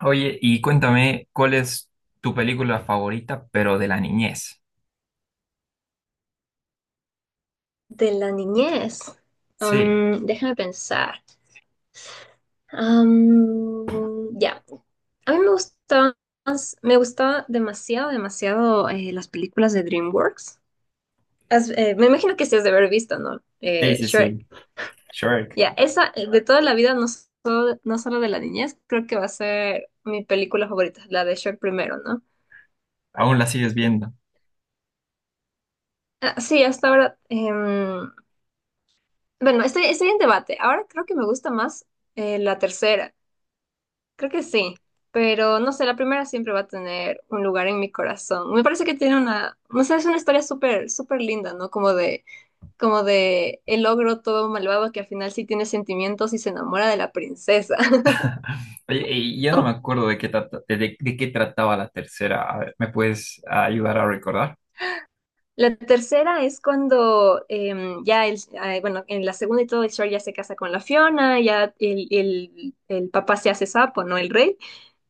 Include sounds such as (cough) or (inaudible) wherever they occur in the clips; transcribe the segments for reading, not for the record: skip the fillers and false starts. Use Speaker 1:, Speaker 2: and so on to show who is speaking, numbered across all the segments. Speaker 1: Oye, y cuéntame, ¿cuál es tu película favorita, pero de la niñez?
Speaker 2: De la niñez.
Speaker 1: Sí,
Speaker 2: Déjame pensar. Am, ya. A mí me gustaban, me gustaba demasiado, demasiado, las películas de DreamWorks. Me imagino que sí has de haber visto, ¿no?
Speaker 1: sí, sí,
Speaker 2: Shrek.
Speaker 1: sí. Shrek.
Speaker 2: Ya, esa de toda la vida, no solo de la niñez, creo que va a ser mi película favorita, la de Shrek primero, ¿no?
Speaker 1: Aún la sigues viendo.
Speaker 2: Ah, sí, hasta ahora. Bueno, estoy en debate. Ahora creo que me gusta más la tercera. Creo que sí, pero no sé, la primera siempre va a tener un lugar en mi corazón. Me parece que tiene una, no sé, es una historia súper, súper linda, ¿no? Como de el ogro todo malvado que al final sí tiene sentimientos y se enamora de la princesa.
Speaker 1: Oye, y ya no me
Speaker 2: (laughs)
Speaker 1: acuerdo de qué trataba la tercera. A ver, ¿me puedes ayudar a recordar?
Speaker 2: La tercera es cuando ya, bueno, en la segunda y todo, el Shrek ya se casa con la Fiona, ya el papá se hace sapo, ¿no? El rey.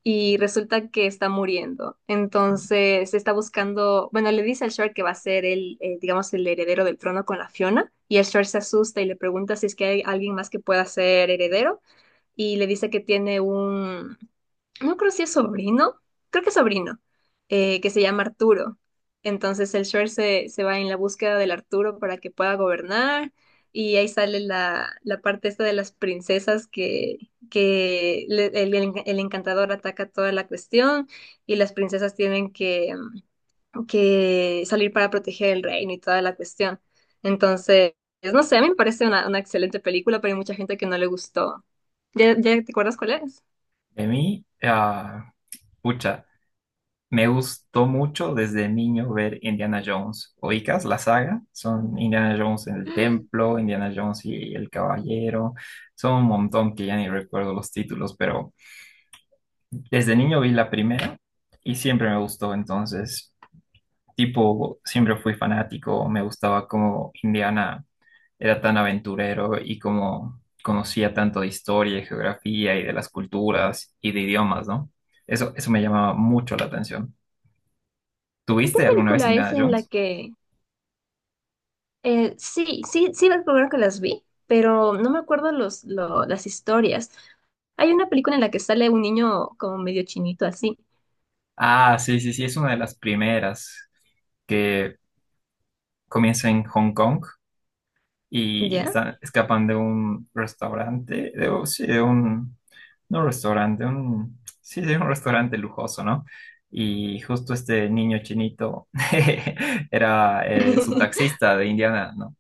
Speaker 2: Y resulta que está muriendo. Entonces está buscando, bueno, le dice al Shark que va a ser el, digamos, el heredero del trono con la Fiona, y el Shark se asusta y le pregunta si es que hay alguien más que pueda ser heredero, y le dice que tiene un, no creo si es sobrino, creo que es sobrino, que se llama Arturo. Entonces el Shrek se va en la búsqueda del Arturo para que pueda gobernar y ahí sale la parte esta de las princesas que, el encantador ataca toda la cuestión y las princesas tienen que salir para proteger el reino y toda la cuestión. Entonces, no sé, a mí me parece una excelente película, pero hay mucha gente que no le gustó. ¿Ya, ya te acuerdas cuál es?
Speaker 1: De mí, ah, pucha, me gustó mucho desde niño ver Indiana Jones. ¿Oicas la saga? Son Indiana Jones en el templo, Indiana Jones y el caballero. Son un montón que ya ni recuerdo los títulos, pero desde niño vi la primera y siempre me gustó, entonces, tipo, siempre fui fanático, me gustaba cómo Indiana era tan aventurero y cómo conocía tanto de historia y geografía y de las culturas y de idiomas, ¿no? Eso me llamaba mucho la atención.
Speaker 2: ¿En qué
Speaker 1: ¿Tuviste alguna vez
Speaker 2: película es
Speaker 1: Indiana
Speaker 2: en la
Speaker 1: Jones?
Speaker 2: que... sí, sí, sí, recuerdo que las vi, pero no me acuerdo las historias. Hay una película en la que sale un niño como medio chinito así,
Speaker 1: Ah, sí, sí, sí, es una de las primeras que comienza en Hong Kong y
Speaker 2: ¿ya?
Speaker 1: están, escapan de un restaurante, de, un- sí, no restaurante, un, sí, de un restaurante lujoso, ¿no? Y justo este niño chinito (laughs) era su
Speaker 2: (laughs)
Speaker 1: taxista de Indiana, ¿no?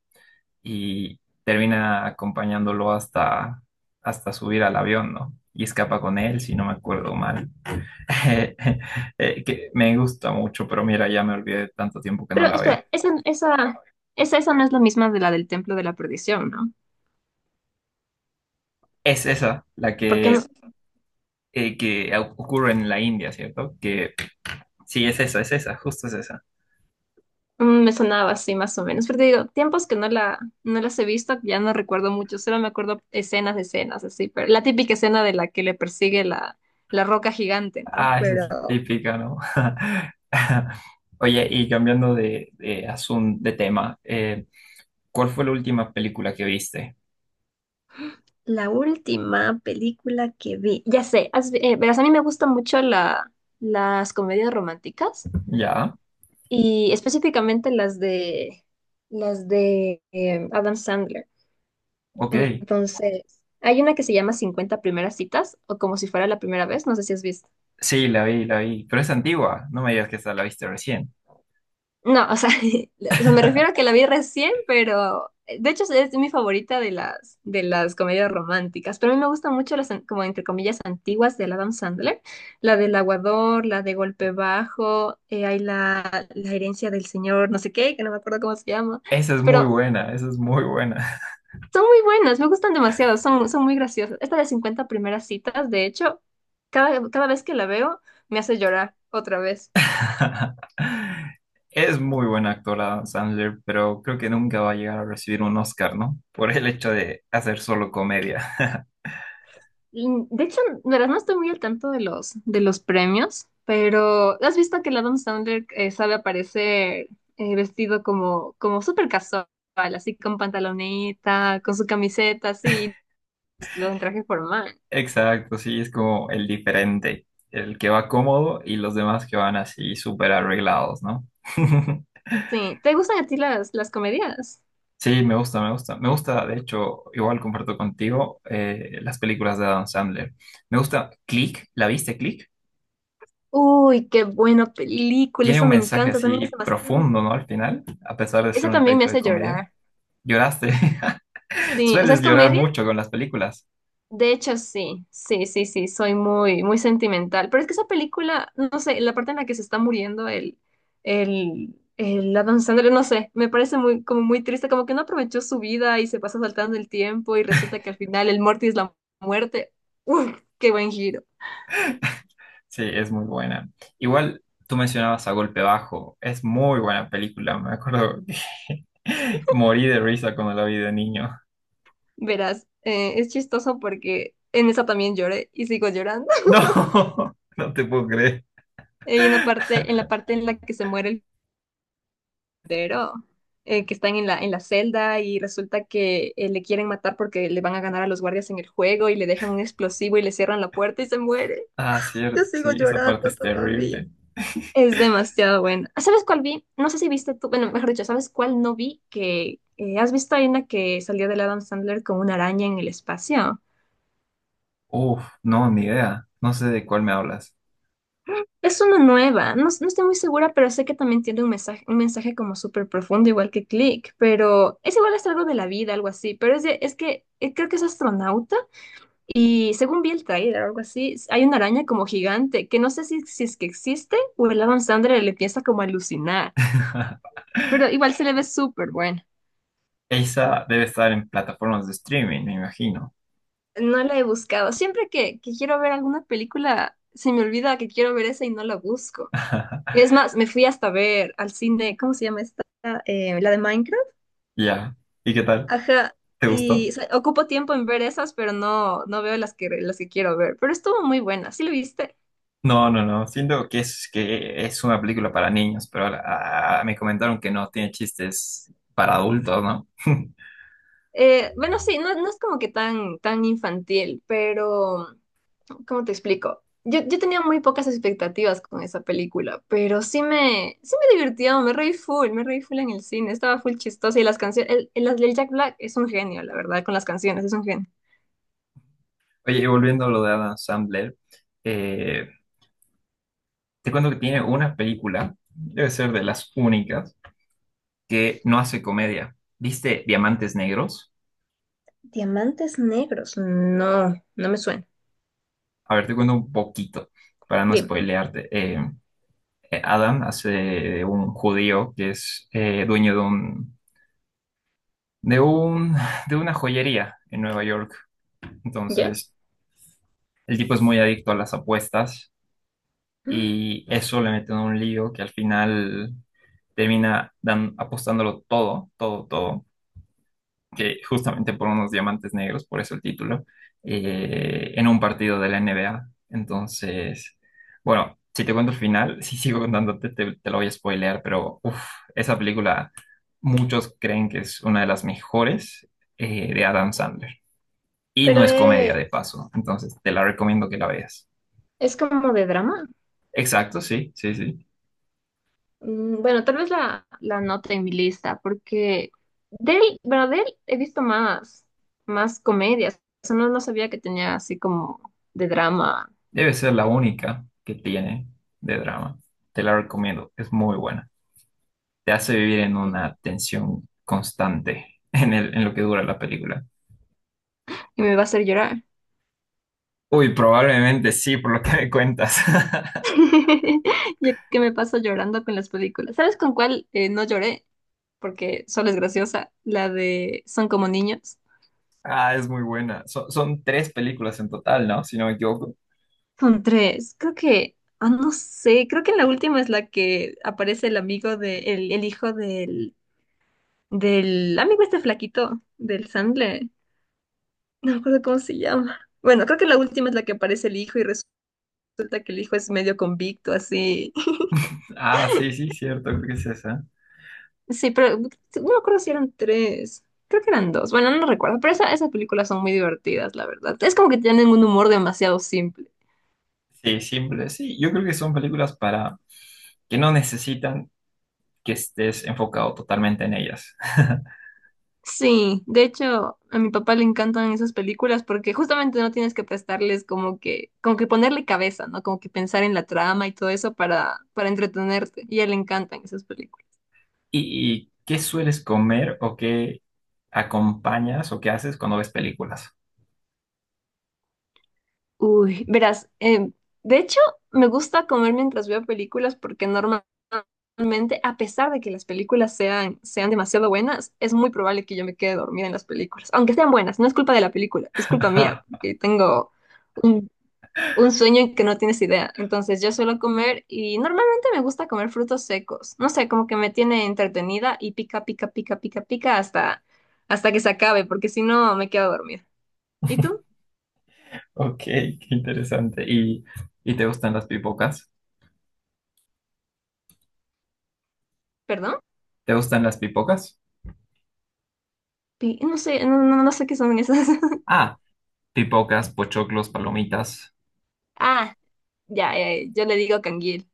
Speaker 1: Y termina acompañándolo hasta, hasta subir al avión, ¿no? Y escapa con él, si no me acuerdo mal. (laughs) Que me gusta mucho, pero mira, ya me olvidé de tanto tiempo que no
Speaker 2: Pero
Speaker 1: la veo.
Speaker 2: espera, esa no es la misma de la del Templo de la Perdición, ¿no?
Speaker 1: Es esa la
Speaker 2: Porque es,
Speaker 1: que ocurre en la India, ¿cierto? Que sí, es esa, justo es esa.
Speaker 2: mm, me sonaba así más o menos. Pero te digo, tiempos que no no las he visto, ya no recuerdo mucho, solo me acuerdo escenas de escenas, así, pero la típica escena de la que le persigue la roca gigante, ¿no?
Speaker 1: Ah, esa es
Speaker 2: Pero
Speaker 1: la típica, ¿no? (laughs) Oye, y cambiando de asunto, de tema, ¿cuál fue la última película que viste?
Speaker 2: la última película que vi, ya sé, verás, a mí me gustan mucho las comedias románticas
Speaker 1: Ya,
Speaker 2: y específicamente las de Adam Sandler.
Speaker 1: ok.
Speaker 2: Entonces, hay una que se llama Cincuenta primeras citas o como si fuera la primera vez, no sé si has visto.
Speaker 1: Sí, la vi, pero es antigua, no me digas que esta la viste recién.
Speaker 2: No, o sea, (laughs) o sea, me refiero a que
Speaker 1: (laughs)
Speaker 2: la vi recién, pero de hecho es mi favorita de de las comedias románticas. Pero a mí me gustan mucho como entre comillas, antiguas del Adam Sandler. La del aguador, la de golpe bajo, hay la, la herencia del señor, no sé qué, que no me acuerdo cómo se llama.
Speaker 1: Esa es muy
Speaker 2: Pero
Speaker 1: buena, esa es muy buena.
Speaker 2: son muy buenas, me gustan demasiado, son, son muy graciosas. Esta de Cincuenta primeras citas, de hecho, cada vez que la veo me hace llorar otra vez.
Speaker 1: (laughs) Es muy buena actora Adam Sandler, pero creo que nunca va a llegar a recibir un Oscar, ¿no? Por el hecho de hacer solo comedia. (laughs)
Speaker 2: Mm, de hecho, la verdad no estoy muy al tanto de de los premios, pero ¿has visto que el Adam Sandler sabe aparecer vestido como, como súper casual, así con pantaloneta, con su camiseta, así, vestido en traje formal?
Speaker 1: Exacto, sí, es como el diferente, el que va cómodo y los demás que van así súper arreglados, ¿no? (laughs)
Speaker 2: Sí, ¿te gustan a ti las comedias?
Speaker 1: Sí, me gusta, me gusta. Me gusta, de hecho, igual comparto contigo las películas de Adam Sandler. Me gusta Click, ¿la viste Click?
Speaker 2: Uy, qué buena película,
Speaker 1: Tiene
Speaker 2: esa
Speaker 1: un
Speaker 2: me
Speaker 1: mensaje
Speaker 2: encanta, también es
Speaker 1: así
Speaker 2: demasiado.
Speaker 1: profundo, ¿no? Al final, a pesar de
Speaker 2: Esa
Speaker 1: ser una
Speaker 2: también me
Speaker 1: película de
Speaker 2: hace
Speaker 1: comedia.
Speaker 2: llorar.
Speaker 1: ¿Lloraste? (laughs) (laughs)
Speaker 2: Sí, o sea, es
Speaker 1: Sueles llorar
Speaker 2: comedia.
Speaker 1: mucho con las películas.
Speaker 2: De hecho, sí, sí, sí, sí, soy muy, muy sentimental. Pero es que esa película, no sé, la parte en la que se está muriendo el Adam Sandler, no sé, me parece muy, como muy triste, como que no aprovechó su vida y se pasa saltando el tiempo y resulta que al final el Morty es la muerte. ¡Uf! ¡Qué buen giro!
Speaker 1: Sí, es muy buena. Igual tú mencionabas A Golpe Bajo. Es muy buena película. Me acuerdo que (laughs) morí de risa cuando la vi de niño.
Speaker 2: Verás, es chistoso porque en esa también lloré y sigo llorando. (laughs)
Speaker 1: No, (laughs) no te puedo creer.
Speaker 2: Hay una parte en la que se muere el pero, que están en en la celda y resulta que le quieren matar porque le van a ganar a los guardias en el juego y le dejan un explosivo y le cierran la puerta y se muere.
Speaker 1: Ah,
Speaker 2: Yo
Speaker 1: cierto,
Speaker 2: sigo
Speaker 1: sí, esa parte
Speaker 2: llorando
Speaker 1: es
Speaker 2: todavía.
Speaker 1: terrible.
Speaker 2: Es demasiado bueno. ¿Sabes cuál vi? No sé si viste tú, bueno, mejor dicho, ¿sabes cuál no vi? Que has visto hay una que salió del Adam Sandler con una araña en el espacio.
Speaker 1: Uf, no, ni idea. No sé de cuál me hablas.
Speaker 2: Es una nueva, no, no estoy muy segura, pero sé que también tiene un mensaje como súper profundo, igual que Click, pero es igual es algo de la vida, algo así, pero es que creo que es astronauta y según vi el trailer, algo así, hay una araña como gigante que no sé si, si es que existe o el Adam Sandler le empieza como a alucinar,
Speaker 1: (laughs)
Speaker 2: pero igual se le ve súper bueno.
Speaker 1: Esa debe estar en plataformas de streaming, me imagino.
Speaker 2: No la he buscado, siempre que quiero ver alguna película, se me olvida que quiero ver esa y no la busco.
Speaker 1: (laughs)
Speaker 2: Es más, me fui hasta ver al cine, ¿cómo se llama esta? La de Minecraft.
Speaker 1: Ya. ¿Y qué tal?
Speaker 2: Ajá,
Speaker 1: ¿Te
Speaker 2: y
Speaker 1: gustó?
Speaker 2: o sea, ocupo tiempo en ver esas, pero no, no veo las que quiero ver. Pero estuvo muy buena, ¿sí lo viste?
Speaker 1: No, no, no. Siento que es una película para niños, pero me comentaron que no tiene chistes para adultos, ¿no? (laughs)
Speaker 2: Bueno, sí, no, no es como que tan, tan infantil, pero ¿cómo te explico? Yo tenía muy pocas expectativas con esa película, pero sí me divirtió, me reí full en el cine, estaba full chistosa y las canciones, el Jack Black es un genio, la verdad, con las canciones, es un genio.
Speaker 1: Oye, y volviendo a lo de Adam Sandler, eh, te cuento que tiene una película, debe ser de las únicas, que no hace comedia. ¿Viste Diamantes Negros?
Speaker 2: Diamantes negros, no, no me suena.
Speaker 1: A ver, te cuento un poquito para no
Speaker 2: Dime,
Speaker 1: spoilearte. Adam hace un judío que es dueño de un, de una joyería en Nueva York.
Speaker 2: ¿ya?
Speaker 1: Entonces el tipo es muy adicto a las apuestas
Speaker 2: (gasps)
Speaker 1: y eso le mete en un lío que al final termina apostándolo todo, todo, todo, que justamente por unos diamantes negros, por eso el título, en un partido de la NBA. Entonces, bueno, si te cuento el final, (laughs) si sigo contándote, te lo voy a spoilear, pero uf, esa película muchos creen que es una de las mejores de Adam Sandler. Y no
Speaker 2: Pero
Speaker 1: es comedia
Speaker 2: eh,
Speaker 1: de paso, entonces te la recomiendo que la veas.
Speaker 2: es como de drama.
Speaker 1: Exacto, sí, sí, sí.
Speaker 2: Mm, bueno, tal vez la note en mi lista, porque de él, bueno, de él he visto más, más comedias. O sea, no, no sabía que tenía así como de drama.
Speaker 1: Debe ser la única que tiene de drama. Te la recomiendo, es muy buena. Te hace vivir en
Speaker 2: Mm,
Speaker 1: una tensión constante (laughs) en lo que dura la película.
Speaker 2: y me va a hacer llorar.
Speaker 1: Uy, probablemente sí, por lo que me cuentas. (laughs)
Speaker 2: (laughs) Yo que me paso llorando con las películas. ¿Sabes con cuál no lloré? Porque solo es graciosa. La de Son como niños.
Speaker 1: Ah, es muy buena. Son, son tres películas en total, ¿no? Si no me equivoco.
Speaker 2: Son tres. Creo que, ah, no sé, creo que en la última es la que aparece el amigo de, el hijo del, del amigo este flaquito, del Sandler. (laughs) No me acuerdo cómo se llama. Bueno, creo que la última es la que aparece el hijo y resulta que el hijo es medio convicto, así. (laughs)
Speaker 1: Ah, sí, sí, cierto, creo que es esa.
Speaker 2: Sí, pero no me acuerdo si eran tres. Creo que eran dos. Bueno, no recuerdo. Pero esa- esas películas son muy divertidas, la verdad. Es como que tienen un humor demasiado simple.
Speaker 1: Sí, simple. Sí, yo creo que son películas para que no necesitan que estés enfocado totalmente en ellas. (laughs)
Speaker 2: Sí, de hecho, a mi papá le encantan esas películas porque justamente no tienes que prestarles como que ponerle cabeza, ¿no? Como que pensar en la trama y todo eso para entretenerte. Y a él le encantan esas películas.
Speaker 1: ¿Y qué sueles comer o qué acompañas o qué haces cuando ves películas?
Speaker 2: Uy, verás, de hecho me gusta comer mientras veo películas porque normalmente, a pesar de que las películas sean demasiado buenas, es muy probable que yo me quede dormida en las películas. Aunque sean buenas, no es culpa de la película, es culpa mía,
Speaker 1: (laughs)
Speaker 2: porque tengo un, un sueño que no tienes idea. Entonces yo suelo comer y normalmente me gusta comer frutos secos. No sé, como que me tiene entretenida y pica, pica, pica, pica, pica hasta, hasta que se acabe, porque si no me quedo dormida. ¿Y tú?
Speaker 1: Ok, qué interesante. Y te gustan las pipocas?
Speaker 2: ¿Perdón?
Speaker 1: ¿Te gustan las pipocas?
Speaker 2: Pi- No sé, no, no, no sé qué son esas. (laughs)
Speaker 1: Ah, pipocas, pochoclos, palomitas.
Speaker 2: Ah, ya, ya, yo le digo canguil.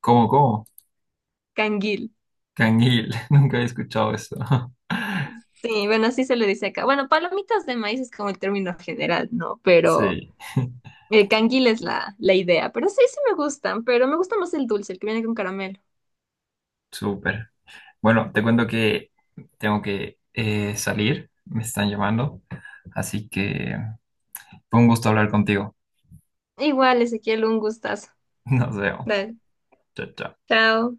Speaker 1: ¿Cómo, cómo?
Speaker 2: Canguil.
Speaker 1: Canguil, (laughs) nunca he escuchado eso. (laughs)
Speaker 2: Sí, bueno, así se le dice acá. Bueno, palomitas de maíz es como el término general, ¿no? Pero
Speaker 1: Sí,
Speaker 2: el canguil es la idea. Pero sí, sí me gustan, pero me gusta más el dulce, el que viene con caramelo.
Speaker 1: súper. Bueno, te cuento que tengo que salir, me están llamando, así que fue un gusto hablar contigo.
Speaker 2: Igual, Ezequiel, un gustazo.
Speaker 1: (laughs) Nos vemos.
Speaker 2: Dale,
Speaker 1: Chao, chao.
Speaker 2: chao.